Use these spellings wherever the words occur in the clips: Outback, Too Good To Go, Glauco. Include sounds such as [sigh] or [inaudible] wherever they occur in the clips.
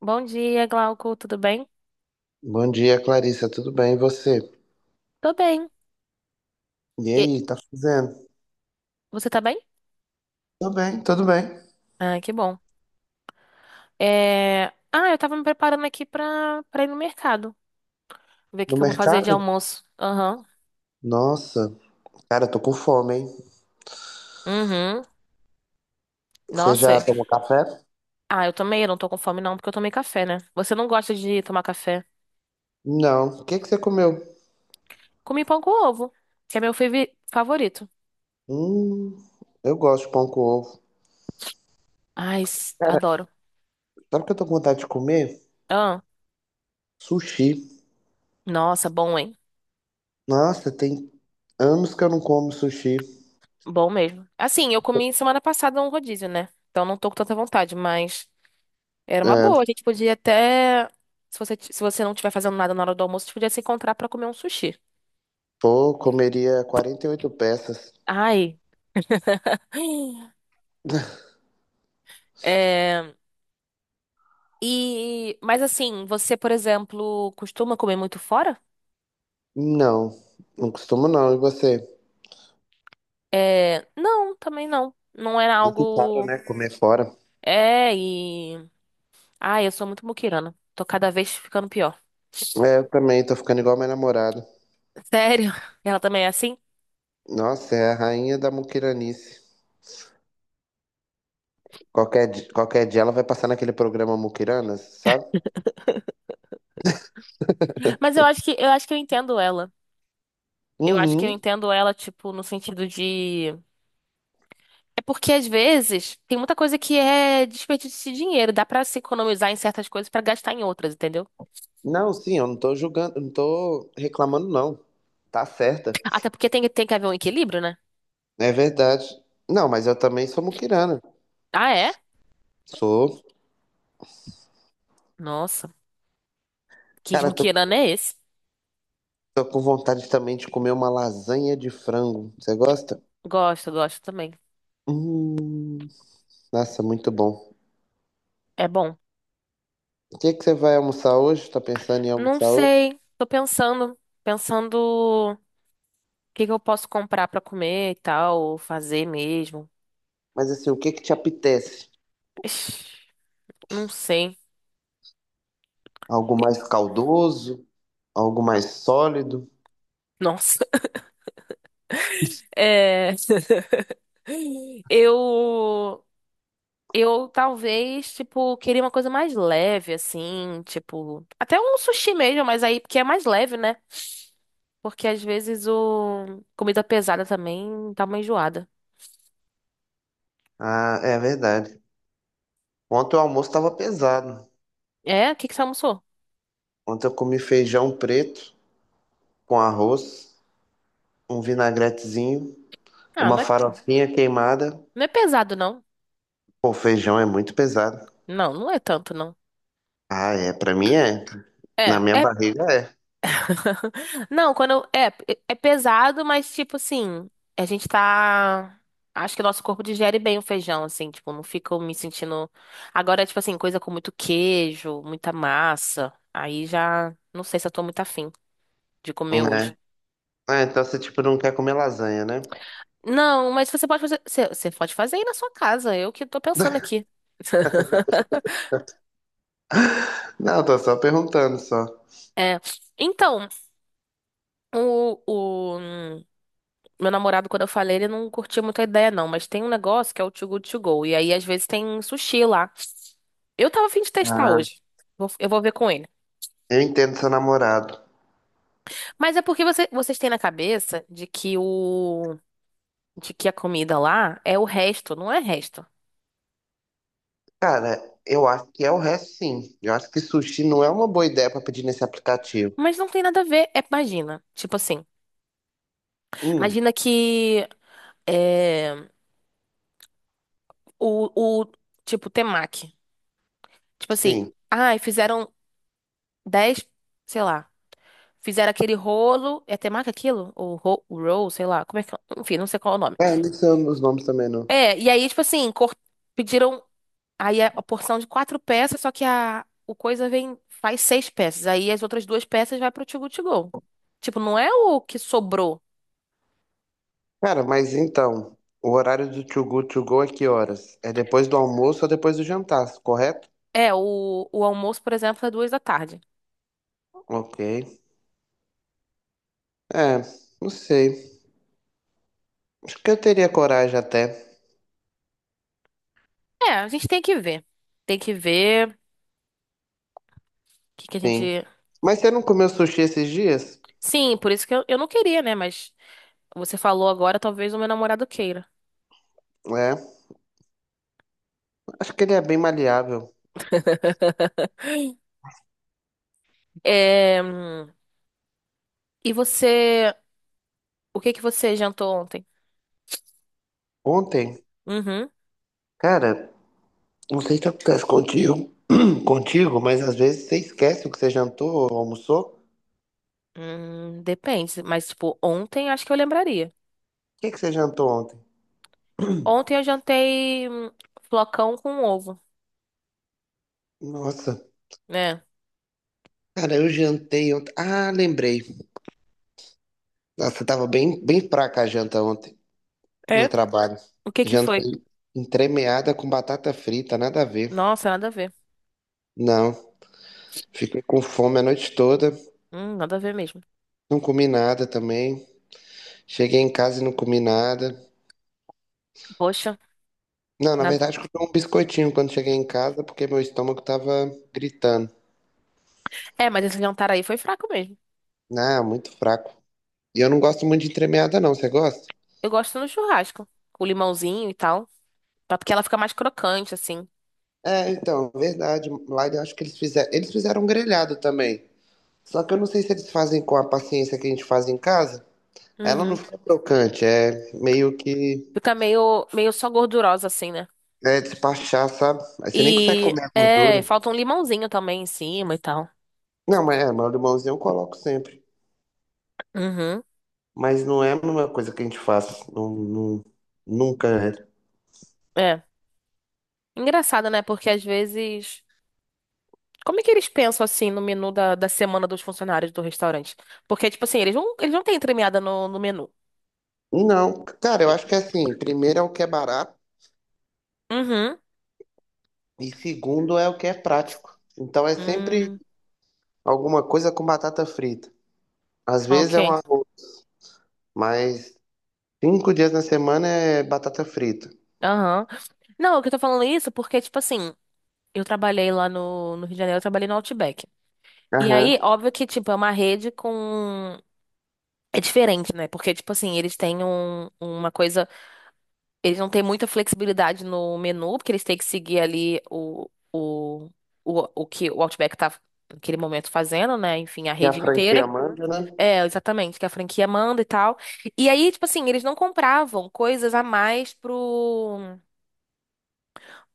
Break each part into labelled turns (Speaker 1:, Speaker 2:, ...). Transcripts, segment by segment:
Speaker 1: Bom dia, Glauco, tudo bem?
Speaker 2: Bom dia, Clarissa. Tudo bem? E você?
Speaker 1: Tô bem.
Speaker 2: E
Speaker 1: E-
Speaker 2: aí, tá fazendo?
Speaker 1: Você tá bem?
Speaker 2: Tudo bem, tudo bem.
Speaker 1: Ah, que bom. É... Ah, eu tava me preparando aqui pra ir no mercado. Ver o que
Speaker 2: No
Speaker 1: que eu vou fazer de
Speaker 2: mercado?
Speaker 1: almoço. Aham.
Speaker 2: Nossa, cara, eu tô com fome, hein?
Speaker 1: Uhum.
Speaker 2: Você
Speaker 1: Nossa.
Speaker 2: já tomou café?
Speaker 1: Ah, eu também, eu não tô com fome não, porque eu tomei café, né? Você não gosta de tomar café?
Speaker 2: Não. O que que você comeu?
Speaker 1: Comi pão com ovo, que é meu favorito.
Speaker 2: Hum, eu gosto de pão com ovo.
Speaker 1: Ai,
Speaker 2: Cara,
Speaker 1: adoro.
Speaker 2: sabe o que eu tô com vontade de comer?
Speaker 1: Ah,
Speaker 2: Sushi.
Speaker 1: nossa, bom, hein?
Speaker 2: Nossa, tem anos que eu não como sushi.
Speaker 1: Bom mesmo. Assim, eu comi semana passada um rodízio, né? Então não tô com tanta vontade, mas... Era uma
Speaker 2: É,
Speaker 1: boa. A gente podia até. Se você não estiver fazendo nada na hora do almoço, a gente podia se encontrar pra comer um sushi.
Speaker 2: pô, comeria 48 peças.
Speaker 1: Ai. [gasps] É, mas assim, você, por exemplo, costuma comer muito fora?
Speaker 2: Não, não costumo não. E você?
Speaker 1: É, não, também não. Não era
Speaker 2: Muito caro,
Speaker 1: algo.
Speaker 2: né? Comer fora.
Speaker 1: É, e. Ai, eu sou muito muquirana. Tô cada vez ficando pior.
Speaker 2: É,
Speaker 1: [laughs]
Speaker 2: eu também tô ficando igual minha namorada.
Speaker 1: Sério? Ela também é assim?
Speaker 2: Nossa, é a rainha da muquiranice. Qualquer, qualquer dia ela vai passar naquele programa Muquiranas, sabe?
Speaker 1: Mas eu acho que eu entendo ela. Eu acho que eu
Speaker 2: Uhum.
Speaker 1: entendo ela, tipo, no sentido de. É porque às vezes tem muita coisa que é desperdício de dinheiro, dá pra se economizar em certas coisas pra gastar em outras, entendeu?
Speaker 2: Não, sim, eu não tô julgando, não tô reclamando, não. Tá certa.
Speaker 1: Até porque tem que haver um equilíbrio, né?
Speaker 2: É verdade. Não, mas eu também sou muquirana.
Speaker 1: Ah, é?
Speaker 2: Sou.
Speaker 1: Nossa, que
Speaker 2: Cara, tô,
Speaker 1: esmuquirana é esse?
Speaker 2: tô com vontade também de comer uma lasanha de frango. Você gosta?
Speaker 1: Gosto, gosto também.
Speaker 2: Hum, nossa, muito bom.
Speaker 1: É bom.
Speaker 2: O que que você vai almoçar hoje? Tá pensando em
Speaker 1: Não
Speaker 2: almoçar hoje?
Speaker 1: sei, tô pensando o que que eu posso comprar pra comer e tal, ou fazer mesmo.
Speaker 2: Mas assim, o que que te apetece?
Speaker 1: Ixi, não sei.
Speaker 2: Algo mais caldoso? Algo mais sólido?
Speaker 1: Nossa, é. [laughs] Eu Eu talvez, tipo, queria uma coisa mais leve, assim, tipo, até um sushi mesmo, mas aí porque é mais leve, né? Porque às vezes o comida pesada também dá uma enjoada.
Speaker 2: Ah, é verdade. Ontem o almoço estava pesado.
Speaker 1: É? O que que você almoçou?
Speaker 2: Ontem eu comi feijão preto com arroz, um vinagretezinho,
Speaker 1: Ah,
Speaker 2: uma
Speaker 1: mas
Speaker 2: farofinha queimada.
Speaker 1: não é pesado, não.
Speaker 2: Pô, feijão é muito pesado.
Speaker 1: Não, não é tanto, não.
Speaker 2: Ah, é, pra mim é. Na
Speaker 1: É,
Speaker 2: minha
Speaker 1: é
Speaker 2: barriga é,
Speaker 1: [laughs] Não, É pesado, mas tipo assim, a gente tá. Acho que o nosso corpo digere bem o feijão, assim, tipo, não fica me sentindo. Agora, tipo assim, coisa com muito queijo, muita massa. Aí já não sei se eu tô muito afim de comer hoje.
Speaker 2: né? Ah, então você tipo não quer comer lasanha, né?
Speaker 1: Não, mas você pode fazer. Você pode fazer aí na sua casa. Eu que tô pensando aqui. [laughs]
Speaker 2: [laughs] Não, tô só perguntando só.
Speaker 1: É. Então, o meu namorado, quando eu falei, ele não curtia muito a ideia, não. Mas tem um negócio que é o Too Good To Go. E aí, às vezes, tem sushi lá. Eu tava a fim de testar
Speaker 2: Ah,
Speaker 1: hoje. Eu vou ver com ele.
Speaker 2: eu entendo seu namorado.
Speaker 1: Mas é porque vocês têm na cabeça de que a comida lá é o resto, não é resto.
Speaker 2: Cara, eu acho que é o resto sim. Eu acho que sushi não é uma boa ideia pra pedir nesse aplicativo.
Speaker 1: Mas não tem nada a ver. É, imagina, tipo assim,
Speaker 2: Hum,
Speaker 1: imagina que é, o tipo temaki, tipo assim,
Speaker 2: sim.
Speaker 1: ai, fizeram 10, sei lá, fizeram aquele rolo, é temaki aquilo? O roll, sei lá, como é que, enfim, não sei qual é o nome.
Speaker 2: É, não sei os nomes também não.
Speaker 1: É, e aí tipo assim, pediram. Aí é a porção de quatro peças, só que a, o coisa vem, faz seis peças. Aí as outras duas peças vai pro to go to go. Tipo, não é o que sobrou.
Speaker 2: Cara, mas então, o horário do To Go To Go é que horas? É depois do almoço ou depois do jantar, correto?
Speaker 1: É, o almoço, por exemplo, é 2 da tarde.
Speaker 2: Ok. É, não sei. Acho que eu teria coragem até,
Speaker 1: É, a gente tem que ver. Tem que ver que a
Speaker 2: sim.
Speaker 1: gente.
Speaker 2: Mas você não comeu sushi esses dias?
Speaker 1: Sim, por isso que eu não queria, né? Mas você falou agora, talvez o meu namorado queira.
Speaker 2: É, acho que ele é bem maleável.
Speaker 1: É, e você. O que que você jantou ontem?
Speaker 2: Ontem,
Speaker 1: Uhum.
Speaker 2: cara, não sei se acontece contigo, [clears throat] contigo, mas às vezes você esquece o que você jantou ou almoçou. O
Speaker 1: Depende. Mas, tipo, ontem acho que eu lembraria.
Speaker 2: que que você jantou ontem?
Speaker 1: Ontem eu jantei flocão com ovo,
Speaker 2: Nossa,
Speaker 1: né?
Speaker 2: cara, eu jantei ontem. Ah, lembrei. Nossa, tava bem, bem fraca a janta ontem. No
Speaker 1: É?
Speaker 2: trabalho.
Speaker 1: O que que
Speaker 2: Janta
Speaker 1: foi?
Speaker 2: entremeada com batata frita, nada a ver.
Speaker 1: Nossa, nada a ver.
Speaker 2: Não, fiquei com fome a noite toda,
Speaker 1: Nada a ver mesmo.
Speaker 2: não comi nada também. Cheguei em casa e não comi nada.
Speaker 1: Poxa,
Speaker 2: Não, na
Speaker 1: nada.
Speaker 2: verdade, comi um biscoitinho quando cheguei em casa porque meu estômago tava gritando.
Speaker 1: É, mas esse jantar aí foi fraco mesmo.
Speaker 2: Ah, muito fraco. E eu não gosto muito de entremeada, não. Você gosta?
Speaker 1: Eu gosto no churrasco, com limãozinho e tal, tá? Porque ela fica mais crocante assim.
Speaker 2: É, então, verdade. Lá eu acho que eles fizeram. Eles fizeram um grelhado também. Só que eu não sei se eles fazem com a paciência que a gente faz em casa. Ela não
Speaker 1: Uhum.
Speaker 2: fica crocante, é meio que
Speaker 1: Fica meio só gordurosa assim, né?
Speaker 2: é despachar, sabe? Aí você nem consegue
Speaker 1: E
Speaker 2: comer a
Speaker 1: é,
Speaker 2: gordura.
Speaker 1: falta um limãozinho também em cima e tal.
Speaker 2: Não, mas é, mas o limãozinho eu coloco sempre.
Speaker 1: Uhum.
Speaker 2: Mas não é uma coisa que a gente faz. Nunca é.
Speaker 1: É. Engraçado, né? Porque às vezes como é que eles pensam assim no menu da semana dos funcionários do restaurante? Porque, tipo assim, eles não têm entremeada no menu.
Speaker 2: Não, cara, eu acho que é assim, primeiro é o que é barato
Speaker 1: Uhum.
Speaker 2: e segundo é o que é prático. Então é sempre
Speaker 1: Hum,
Speaker 2: alguma coisa com batata frita. Às vezes é um
Speaker 1: ok.
Speaker 2: arroz, mas 5 dias na semana é batata frita.
Speaker 1: Aham. Não, o que eu tô falando é isso porque, tipo assim, eu trabalhei lá no Rio de Janeiro, eu trabalhei no Outback. E aí,
Speaker 2: Aham.
Speaker 1: óbvio que, tipo, é uma rede com. É diferente, né? Porque, tipo assim, eles têm uma coisa. Eles não têm muita flexibilidade no menu, porque eles têm que seguir ali o, o que o Outback tá naquele momento fazendo, né? Enfim, a
Speaker 2: E a
Speaker 1: rede inteira.
Speaker 2: franquia manda, né?
Speaker 1: É, exatamente, que a franquia manda e tal. E aí, tipo assim, eles não compravam coisas a mais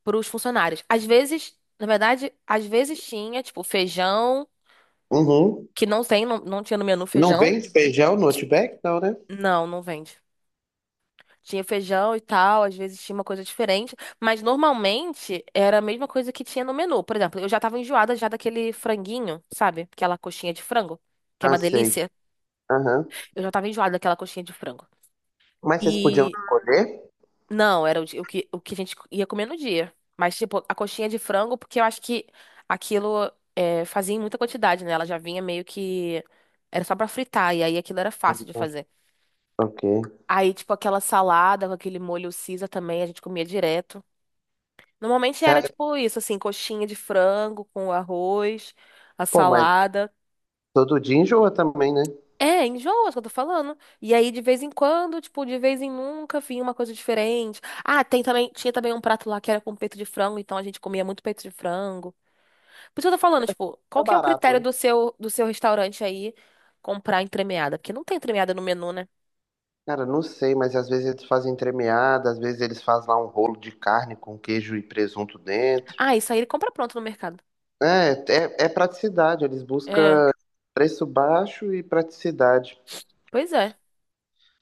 Speaker 1: pros funcionários. Às vezes, na verdade, às vezes tinha, tipo, feijão,
Speaker 2: Uhum.
Speaker 1: que não tem, não tinha no menu
Speaker 2: Não
Speaker 1: feijão.
Speaker 2: vende feijão no Outback, não, né?
Speaker 1: Não, não vende. Tinha feijão e tal, às vezes tinha uma coisa diferente, mas normalmente era a mesma coisa que tinha no menu. Por exemplo, eu já tava enjoada já daquele franguinho, sabe? Aquela coxinha de frango, que é
Speaker 2: Ah,
Speaker 1: uma
Speaker 2: sei.
Speaker 1: delícia.
Speaker 2: Aham.
Speaker 1: Eu já tava enjoada daquela coxinha de frango.
Speaker 2: Mas vocês podiam
Speaker 1: E
Speaker 2: escolher?
Speaker 1: não, era o que a gente ia comer no dia. Mas, tipo, a coxinha de frango, porque eu acho que aquilo fazia em muita quantidade, né? Ela já vinha meio que. Era só pra fritar, e aí aquilo era
Speaker 2: Ah,
Speaker 1: fácil de
Speaker 2: então,
Speaker 1: fazer.
Speaker 2: ok.
Speaker 1: Aí, tipo, aquela salada com aquele molho Caesar também, a gente comia direto. Normalmente era
Speaker 2: Cara,
Speaker 1: tipo isso, assim, coxinha de frango com arroz, a
Speaker 2: pô, mas
Speaker 1: salada.
Speaker 2: todo dia enjoa também, né?
Speaker 1: É, enjoa, é o que eu tô falando. E aí, de vez em quando, tipo, de vez em nunca, vinha uma coisa diferente. Ah, tem também, tinha também um prato lá que era com peito de frango, então a gente comia muito peito de frango. Por isso que eu tô falando, tipo, qual
Speaker 2: É
Speaker 1: que é o
Speaker 2: barato,
Speaker 1: critério
Speaker 2: né?
Speaker 1: do seu restaurante aí comprar entremeada? Porque não tem entremeada no menu, né?
Speaker 2: Cara, não sei, mas às vezes eles fazem entremeada, às vezes eles fazem lá um rolo de carne com queijo e presunto dentro.
Speaker 1: Ah, isso aí ele compra pronto no mercado.
Speaker 2: É, é, é praticidade, eles
Speaker 1: É,
Speaker 2: buscam preço baixo e praticidade.
Speaker 1: pois é.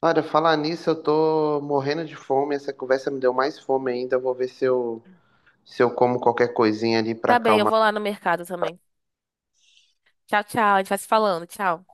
Speaker 2: Olha, falar nisso, eu tô morrendo de fome, essa conversa me deu mais fome ainda, eu vou ver se eu, se eu como qualquer coisinha ali pra
Speaker 1: Tá bem, eu
Speaker 2: acalmar.
Speaker 1: vou lá no mercado também. Tchau, tchau, a gente vai se falando, tchau.